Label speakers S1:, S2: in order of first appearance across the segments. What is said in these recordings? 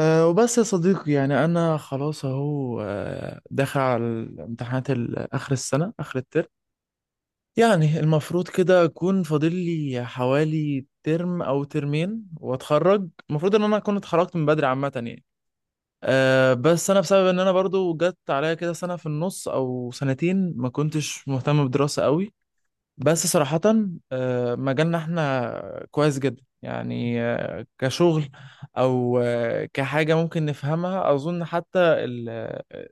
S1: وبس يا صديقي، يعني أنا خلاص أهو، داخل على الامتحانات آخر السنة، آخر الترم. يعني المفروض كده أكون فاضل لي حوالي ترم أو ترمين وأتخرج. المفروض إن أنا أكون اتخرجت من بدري عامة يعني. بس أنا بسبب إن أنا برضو جت عليا كده سنة في النص أو سنتين ما كنتش مهتم بدراسة قوي، بس صراحة. مجالنا احنا كويس جدا يعني، كشغل او كحاجة ممكن نفهمها، اظن حتى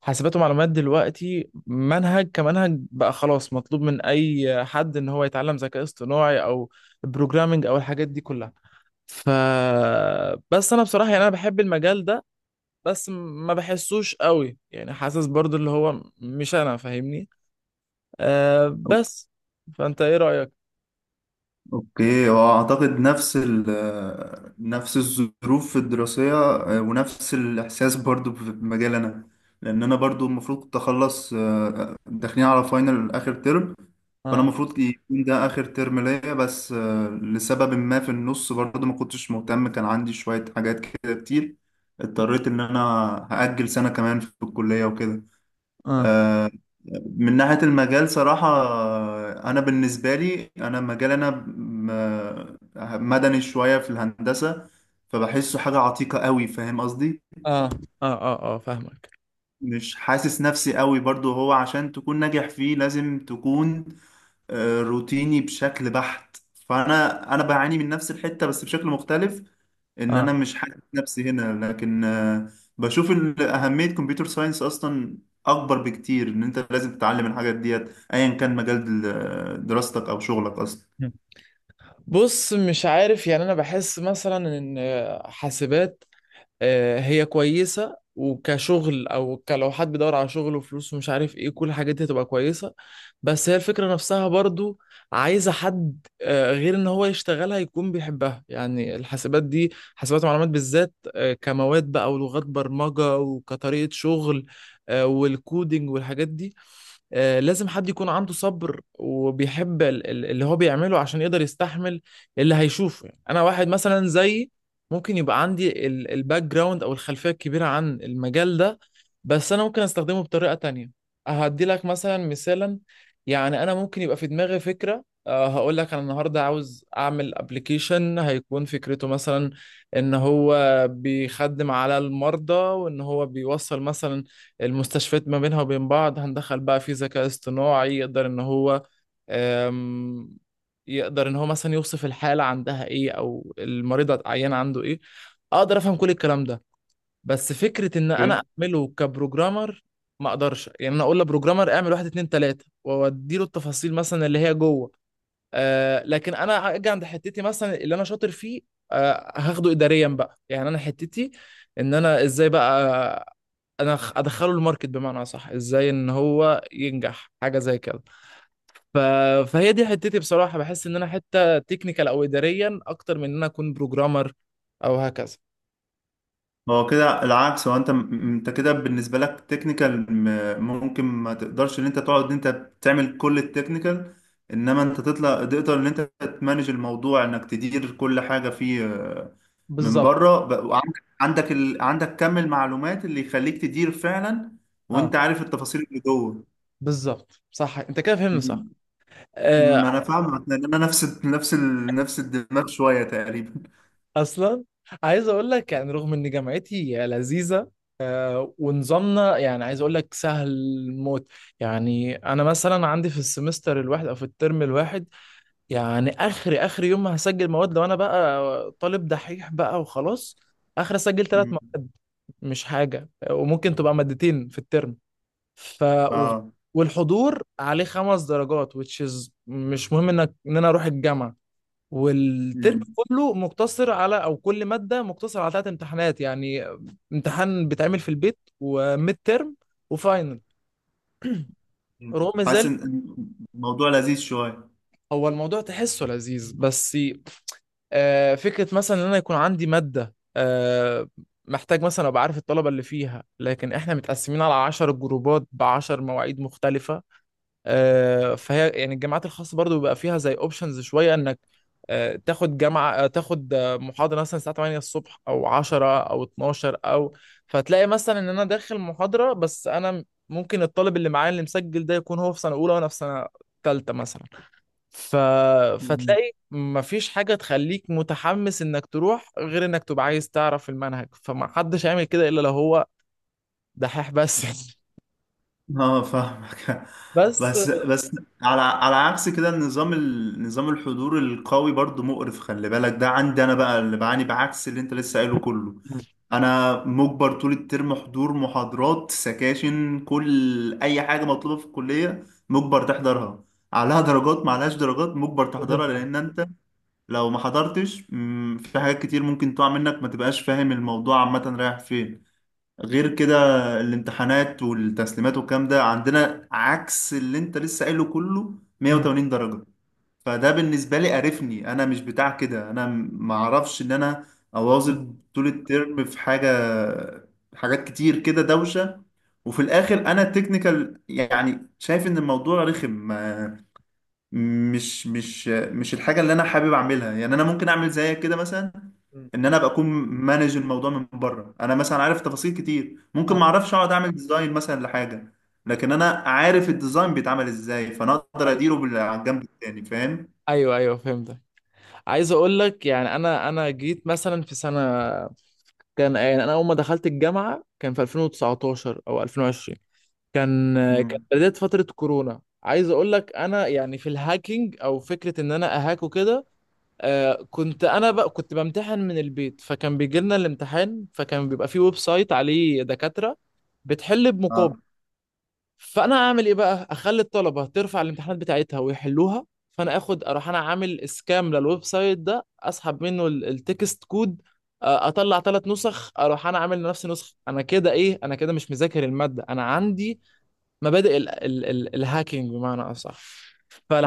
S1: حاسبات ومعلومات دلوقتي منهج، كمنهج بقى خلاص مطلوب من اي حد ان هو يتعلم ذكاء اصطناعي او بروجرامنج او الحاجات دي كلها. ف بس انا بصراحة يعني انا بحب المجال ده، بس ما بحسوش قوي، يعني حاسس برضو اللي هو مش انا، فاهمني؟ أه
S2: أو-
S1: بس فانت ايه رأيك؟
S2: اوكي، هو اعتقد نفس نفس الظروف الدراسية، ونفس الاحساس برضو في مجال انا. لان انا برضو المفروض كنت اخلص، داخلين على فاينل اخر ترم. فانا
S1: اه
S2: المفروض يكون ده اخر ترم ليا، بس لسبب ما في النص برضو ما كنتش مهتم، كان عندي شوية حاجات كده كتير. اضطريت ان انا هأجل سنة كمان في الكلية وكده.
S1: اه
S2: آه، من ناحية المجال صراحة، أنا بالنسبة لي أنا مجال أنا مدني شوية في الهندسة، فبحسه حاجة عتيقة قوي، فاهم قصدي.
S1: اه اه، فاهمك.
S2: مش حاسس نفسي قوي برضو، هو عشان تكون ناجح فيه لازم تكون روتيني بشكل بحت. فانا بعاني من نفس الحتة بس بشكل مختلف، ان انا
S1: اه.
S2: مش حاسس نفسي هنا، لكن بشوف اهمية كمبيوتر ساينس اصلا اكبر بكتير، ان انت لازم تتعلم الحاجات ديت ايا كان مجال دراستك او شغلك اصلا.
S1: مم. بص، مش عارف، يعني انا بحس مثلا ان حاسبات هي كويسه وكشغل، او لو حد بيدور على شغل وفلوس ومش عارف ايه، كل الحاجات دي هتبقى كويسه. بس هي الفكره نفسها برضو عايزه حد، غير ان هو يشتغلها يكون بيحبها، يعني الحاسبات دي، حاسبات ومعلومات بالذات، كمواد بقى ولغات برمجه وكطريقه شغل، والكودينج والحاجات دي، لازم حد يكون عنده صبر وبيحب اللي هو بيعمله عشان يقدر يستحمل اللي هيشوفه. يعني انا واحد مثلا زيي، ممكن يبقى عندي الباك جراوند او الخلفيه الكبيره عن المجال ده، بس انا ممكن استخدمه بطريقه تانية. هدي لك مثلا مثالا: يعني انا ممكن يبقى في دماغي فكره، هقول لك انا النهارده عاوز اعمل ابلكيشن، هيكون فكرته مثلا ان هو بيخدم على المرضى، وان هو بيوصل مثلا المستشفيات ما بينها وبين بعض. هندخل بقى في ذكاء اصطناعي يقدر ان هو أم، يقدر ان هو مثلا يوصف الحالة عندها ايه، او المريض العيان عنده ايه. اقدر افهم كل الكلام ده، بس فكرة ان انا اعمله كبروجرامر ما اقدرش، يعني انا اقول لبروجرامر اعمل واحد اتنين تلاتة واودي له التفاصيل مثلا اللي هي جوه. لكن انا اجي عند حتتي مثلا اللي انا شاطر فيه، هاخده اداريا بقى. يعني انا حتتي ان انا ازاي بقى انا ادخله الماركت، بمعنى صح، ازاي ان هو ينجح حاجه زي كده. ف... فهي دي حتتي. بصراحه بحس ان انا حته تكنيكال او اداريا اكتر من ان انا اكون بروجرامر او هكذا.
S2: هو كده العكس، هو انت انت كده بالنسبه لك تكنيكال، ممكن ما تقدرش ان انت تقعد ان انت تعمل كل التكنيكال، انما انت تطلع تقدر ان انت تمانج الموضوع، انك تدير كل حاجه فيه، من
S1: بالظبط.
S2: بره وعندك عندك كم المعلومات اللي يخليك تدير فعلا،
S1: اه،
S2: وانت عارف التفاصيل اللي جوه.
S1: بالظبط، صح، انت كده فهمت صح.
S2: م-
S1: آه،
S2: ما انا فاهمك، لان انا نفس الدماغ شويه تقريبا.
S1: اصلا عايز اقول لك، يعني رغم ان جامعتي لذيذه ونظامنا، يعني عايز اقول لك سهل موت. يعني انا مثلا عندي في السمستر الواحد او في الترم الواحد، يعني اخر يوم ما هسجل مواد، لو انا بقى طالب دحيح بقى وخلاص، اخر اسجل ثلاث
S2: م.
S1: مواد، مش حاجه، وممكن تبقى مادتين في الترم. ف و-
S2: اه.
S1: والحضور عليه خمس درجات which is مش مهم انك، ان انا اروح الجامعه. والترم
S2: م.
S1: كله مقتصر على، او كل ماده مقتصر على ثلاث امتحانات يعني: امتحان بيتعمل في البيت، وميد ترم، وفاينل.
S2: م.
S1: رغم
S2: حاسس
S1: ذلك،
S2: ان الموضوع لذيذ شويه.
S1: هو الموضوع تحسه لذيذ بس. فكرة مثلا ان انا يكون عندي مادة، محتاج مثلا ابقى عارف الطلبة اللي فيها، لكن احنا متقسمين على 10 جروبات بعشر مواعيد مختلفة. فهي يعني الجامعات الخاصة برضو بيبقى فيها زي اوبشنز شوية، انك تاخد جامعة، تاخد محاضرة مثلا الساعة 8 الصبح او 10 او 12 او... فتلاقي مثلا ان انا داخل محاضرة، بس انا ممكن الطالب اللي معايا اللي مسجل ده يكون هو في سنة اولى وانا في سنة ثالثة مثلا. ف...
S2: مم.
S1: فتلاقي مفيش حاجة تخليك متحمس انك تروح غير انك تبقى عايز تعرف المنهج، فما حدش هيعمل كده الا لو هو دحيح بس.
S2: اه، فاهمك.
S1: بس
S2: بس بس. على عكس كده، النظام نظام الحضور القوي برضو مقرف، خلي بالك، ده عندي انا بقى اللي بعاني، بعكس اللي انت لسه قايله كله. انا مجبر طول الترم حضور محاضرات سكاشن، كل اي حاجه مطلوبه في الكليه مجبر تحضرها، عليها درجات ما عليهاش درجات مجبر
S1: لازم
S2: تحضرها،
S1: تعرف.
S2: لان انت لو ما حضرتش في حاجات كتير ممكن تقع منك، ما تبقاش فاهم الموضوع عامه رايح فين. غير كده، الامتحانات والتسليمات والكلام ده عندنا عكس اللي انت لسه قايله كله،
S1: مم.
S2: 180 درجة. فده بالنسبة لي قرفني، انا مش بتاع كده، انا معرفش ان انا اواظب طول الترم في حاجة، حاجات كتير كده دوشة. وفي الاخر انا تكنيكال، يعني شايف ان الموضوع رخم، مش الحاجة اللي انا حابب اعملها، يعني انا ممكن اعمل زيك كده مثلا،
S1: مم.
S2: ان انا ابقى اكون مانج الموضوع من بره، انا مثلا عارف تفاصيل كتير، ممكن ما
S1: آه،
S2: اعرفش اقعد اعمل ديزاين مثلا لحاجه، لكن انا عارف الديزاين بيتعمل ازاي، فانا اقدر
S1: ايوه،
S2: اديره على الجنب التاني، فاهم.
S1: ايوه فهمتك. عايز اقول لك، يعني انا جيت مثلا في سنه كان، يعني انا اول ما دخلت الجامعه كان في 2019 او 2020. كان كانت
S2: مم.
S1: بدايه فتره كورونا. عايز اقول لك انا، يعني في الهاكينج او فكره ان انا اهاك وكده، كنت انا بقى، كنت بمتحن من البيت، فكان بيجي لنا الامتحان، فكان بيبقى فيه ويب سايت عليه دكاترة بتحل بمقابل.
S2: اه.
S1: فانا اعمل ايه بقى، اخلي الطلبة ترفع الامتحانات بتاعتها ويحلوها. فانا اخد اروح انا عامل اسكام للويب سايت ده، اسحب منه التكست كود، اطلع ثلاث نسخ، اروح انا عامل لنفسي نسخة. انا كده ايه، انا كده مش مذاكر المادة، انا عندي مبادئ ال ال ال الهاكينج بمعنى اصح.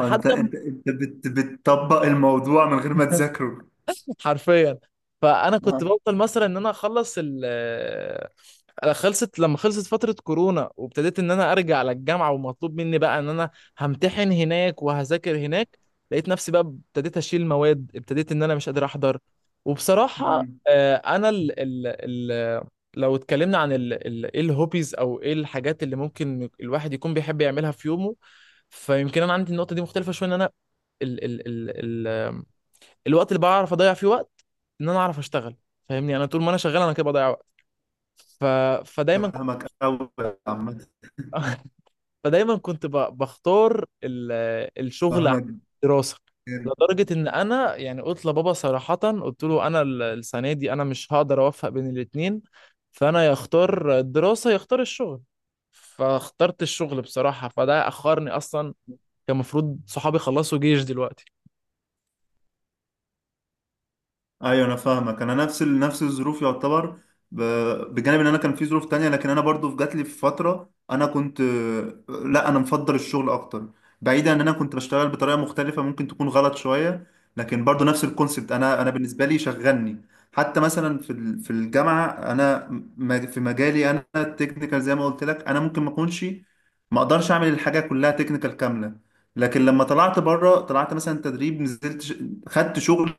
S2: انت انت انت بت بتطبق الموضوع من غير ما تذاكره.
S1: حرفيا. فانا كنت
S2: آه.
S1: بفضل مثلا ان انا اخلص انا خلصت، لما خلصت فتره كورونا وابتديت ان انا ارجع للجامعه ومطلوب مني بقى ان انا همتحن هناك وهذاكر هناك، لقيت نفسي بقى ابتديت اشيل مواد، ابتديت ان انا مش قادر احضر. وبصراحه،
S2: مم.
S1: انا ال ال ال لو اتكلمنا عن ال ال ايه الهوبيز او ايه الحاجات اللي ممكن الواحد يكون بيحب يعملها في يومه، فيمكن انا عندي النقطه دي مختلفه شويه، ان انا ال... ال... ال... الوقت اللي بعرف اضيع فيه وقت ان انا اعرف اشتغل، فاهمني؟ يعني انا طول ما انا شغال انا كده بضيع وقت. ف... فدايما كنت...
S2: فاهمك قوي يا عم.
S1: فدايما كنت بختار الشغل عن
S2: فاهمك.
S1: الدراسه، لدرجه ان انا يعني قلت لبابا صراحه، قلت له انا السنه دي انا مش هقدر اوفق بين الاتنين، فانا يختار الدراسه يختار الشغل، فاخترت الشغل بصراحه، فده اخرني اصلا. كان المفروض صحابي خلصوا جيش دلوقتي.
S2: ايوه، انا فاهمك، انا نفس الظروف يعتبر. ب... بجانب ان انا كان في ظروف تانية، لكن انا برضو جات لي في فتره انا كنت، لا انا مفضل الشغل اكتر. بعيدا، ان انا كنت بشتغل بطريقه مختلفه ممكن تكون غلط شويه، لكن برضو نفس الكونسبت، انا بالنسبه لي شغلني. حتى مثلا في الجامعه، انا في مجالي انا التكنيكال زي ما قلت لك، انا ممكن ما اكونش، ما اقدرش اعمل الحاجه كلها تكنيكال كامله. لكن لما طلعت بره، طلعت مثلا تدريب، نزلت خدت شغل،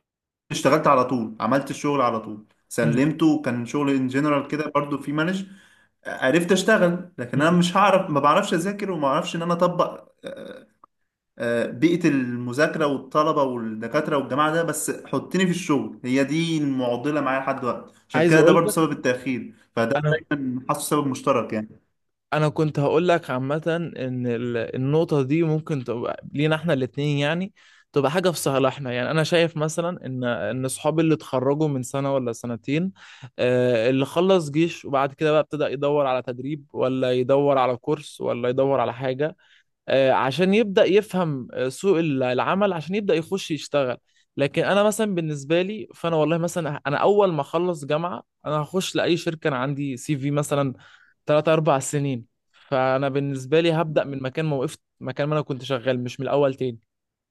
S2: اشتغلت على طول، عملت الشغل على طول،
S1: مم.
S2: سلمته، وكان شغل ان جنرال كده برضو في مانج، عرفت اشتغل. لكن انا مش هعرف، ما بعرفش اذاكر، وما بعرفش ان انا اطبق بيئة المذاكرة والطلبة والدكاترة والجماعة ده، بس حطني في الشغل، هي دي المعضلة معايا لحد دلوقتي، عشان
S1: عايز
S2: كده ده
S1: اقول
S2: برضو
S1: لك
S2: سبب التأخير، فده
S1: انا،
S2: دايما حاسه سبب مشترك يعني.
S1: كنت هقول لك عامه ان النقطه دي ممكن تبقى لينا احنا الاتنين، يعني تبقى حاجه في صالحنا. يعني انا شايف مثلا ان صحابي اللي اتخرجوا من سنه ولا سنتين، اللي خلص جيش وبعد كده بقى ابتدى يدور على تدريب، ولا يدور على كورس، ولا يدور على حاجه، عشان يبدأ يفهم سوق العمل، عشان يبدأ يخش يشتغل. لكن انا مثلا بالنسبة لي، فانا والله مثلا انا اول ما اخلص جامعة انا هخش لاي شركة انا عندي سي في مثلا 3 4 سنين. فانا بالنسبة لي هبدأ من مكان ما وقفت، مكان ما انا كنت شغال، مش من الاول تاني.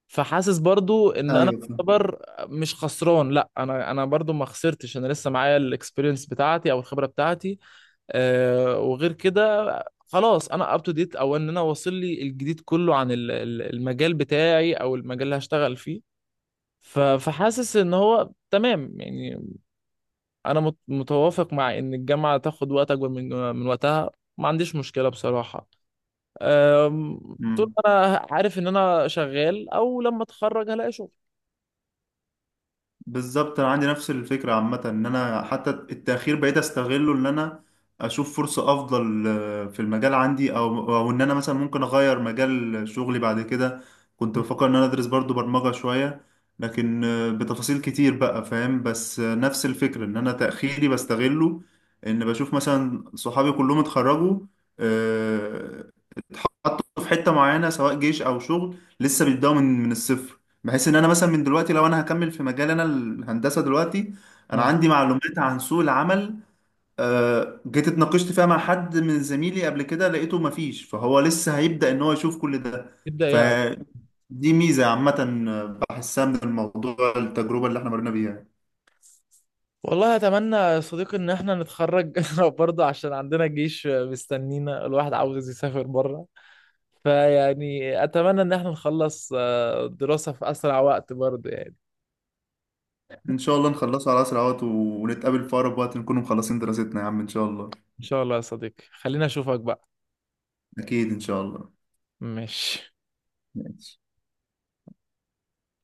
S1: فحاسس برضو ان انا
S2: ايوه، فاهم.
S1: اعتبر مش خسران، لا، انا انا برضو ما خسرتش، انا لسه معايا الاكسبيرينس بتاعتي او الخبرة بتاعتي، وغير كده خلاص انا اب تو ديت، او ان انا واصل لي الجديد كله عن المجال بتاعي او المجال اللي هشتغل فيه. فحاسس ان هو تمام يعني. انا متوافق مع ان الجامعه تاخد وقت اكبر من من وقتها، ما عنديش مشكله بصراحه، طول
S2: مم.
S1: ما انا عارف ان انا شغال، او لما اتخرج هلاقي شغل.
S2: بالظبط، انا عندي نفس الفكره عامه، ان انا حتى التاخير بقيت استغله، ان انا اشوف فرصه افضل في المجال عندي، او ان انا مثلا ممكن اغير مجال شغلي بعد كده. كنت
S1: مم.
S2: بفكر ان انا ادرس برضو برمجه شويه، لكن بتفاصيل كتير بقى، فاهم، بس نفس الفكره، ان انا تاخيري بستغله، ان بشوف مثلا صحابي كلهم اتخرجوا، آه، حطه في حته معينه سواء جيش او شغل، لسه بيبداوا من الصفر، بحيث ان انا مثلا من دلوقتي، لو انا هكمل في مجال انا الهندسه دلوقتي، انا
S1: اه،
S2: عندي معلومات عن سوق العمل، جيت اتناقشت فيها مع حد من زميلي قبل كده، لقيته مفيش، فهو لسه هيبدا ان هو يشوف كل ده.
S1: يبدا يعرف.
S2: فدي ميزه عامه بحسها من الموضوع، التجربه اللي احنا مرينا بيها.
S1: والله اتمنى يا صديقي ان احنا نتخرج برضه، عشان عندنا جيش مستنينا، الواحد عاوز يسافر بره. فيعني اتمنى ان احنا نخلص الدراسة في اسرع وقت برضه يعني.
S2: ان شاء الله نخلصه على اسرع وقت، ونتقابل في اقرب وقت نكون مخلصين دراستنا، يا عم ان شاء الله.
S1: ان شاء الله يا صديقي، خلينا اشوفك بقى.
S2: اكيد ان شاء الله.
S1: ماشي.
S2: ماشي.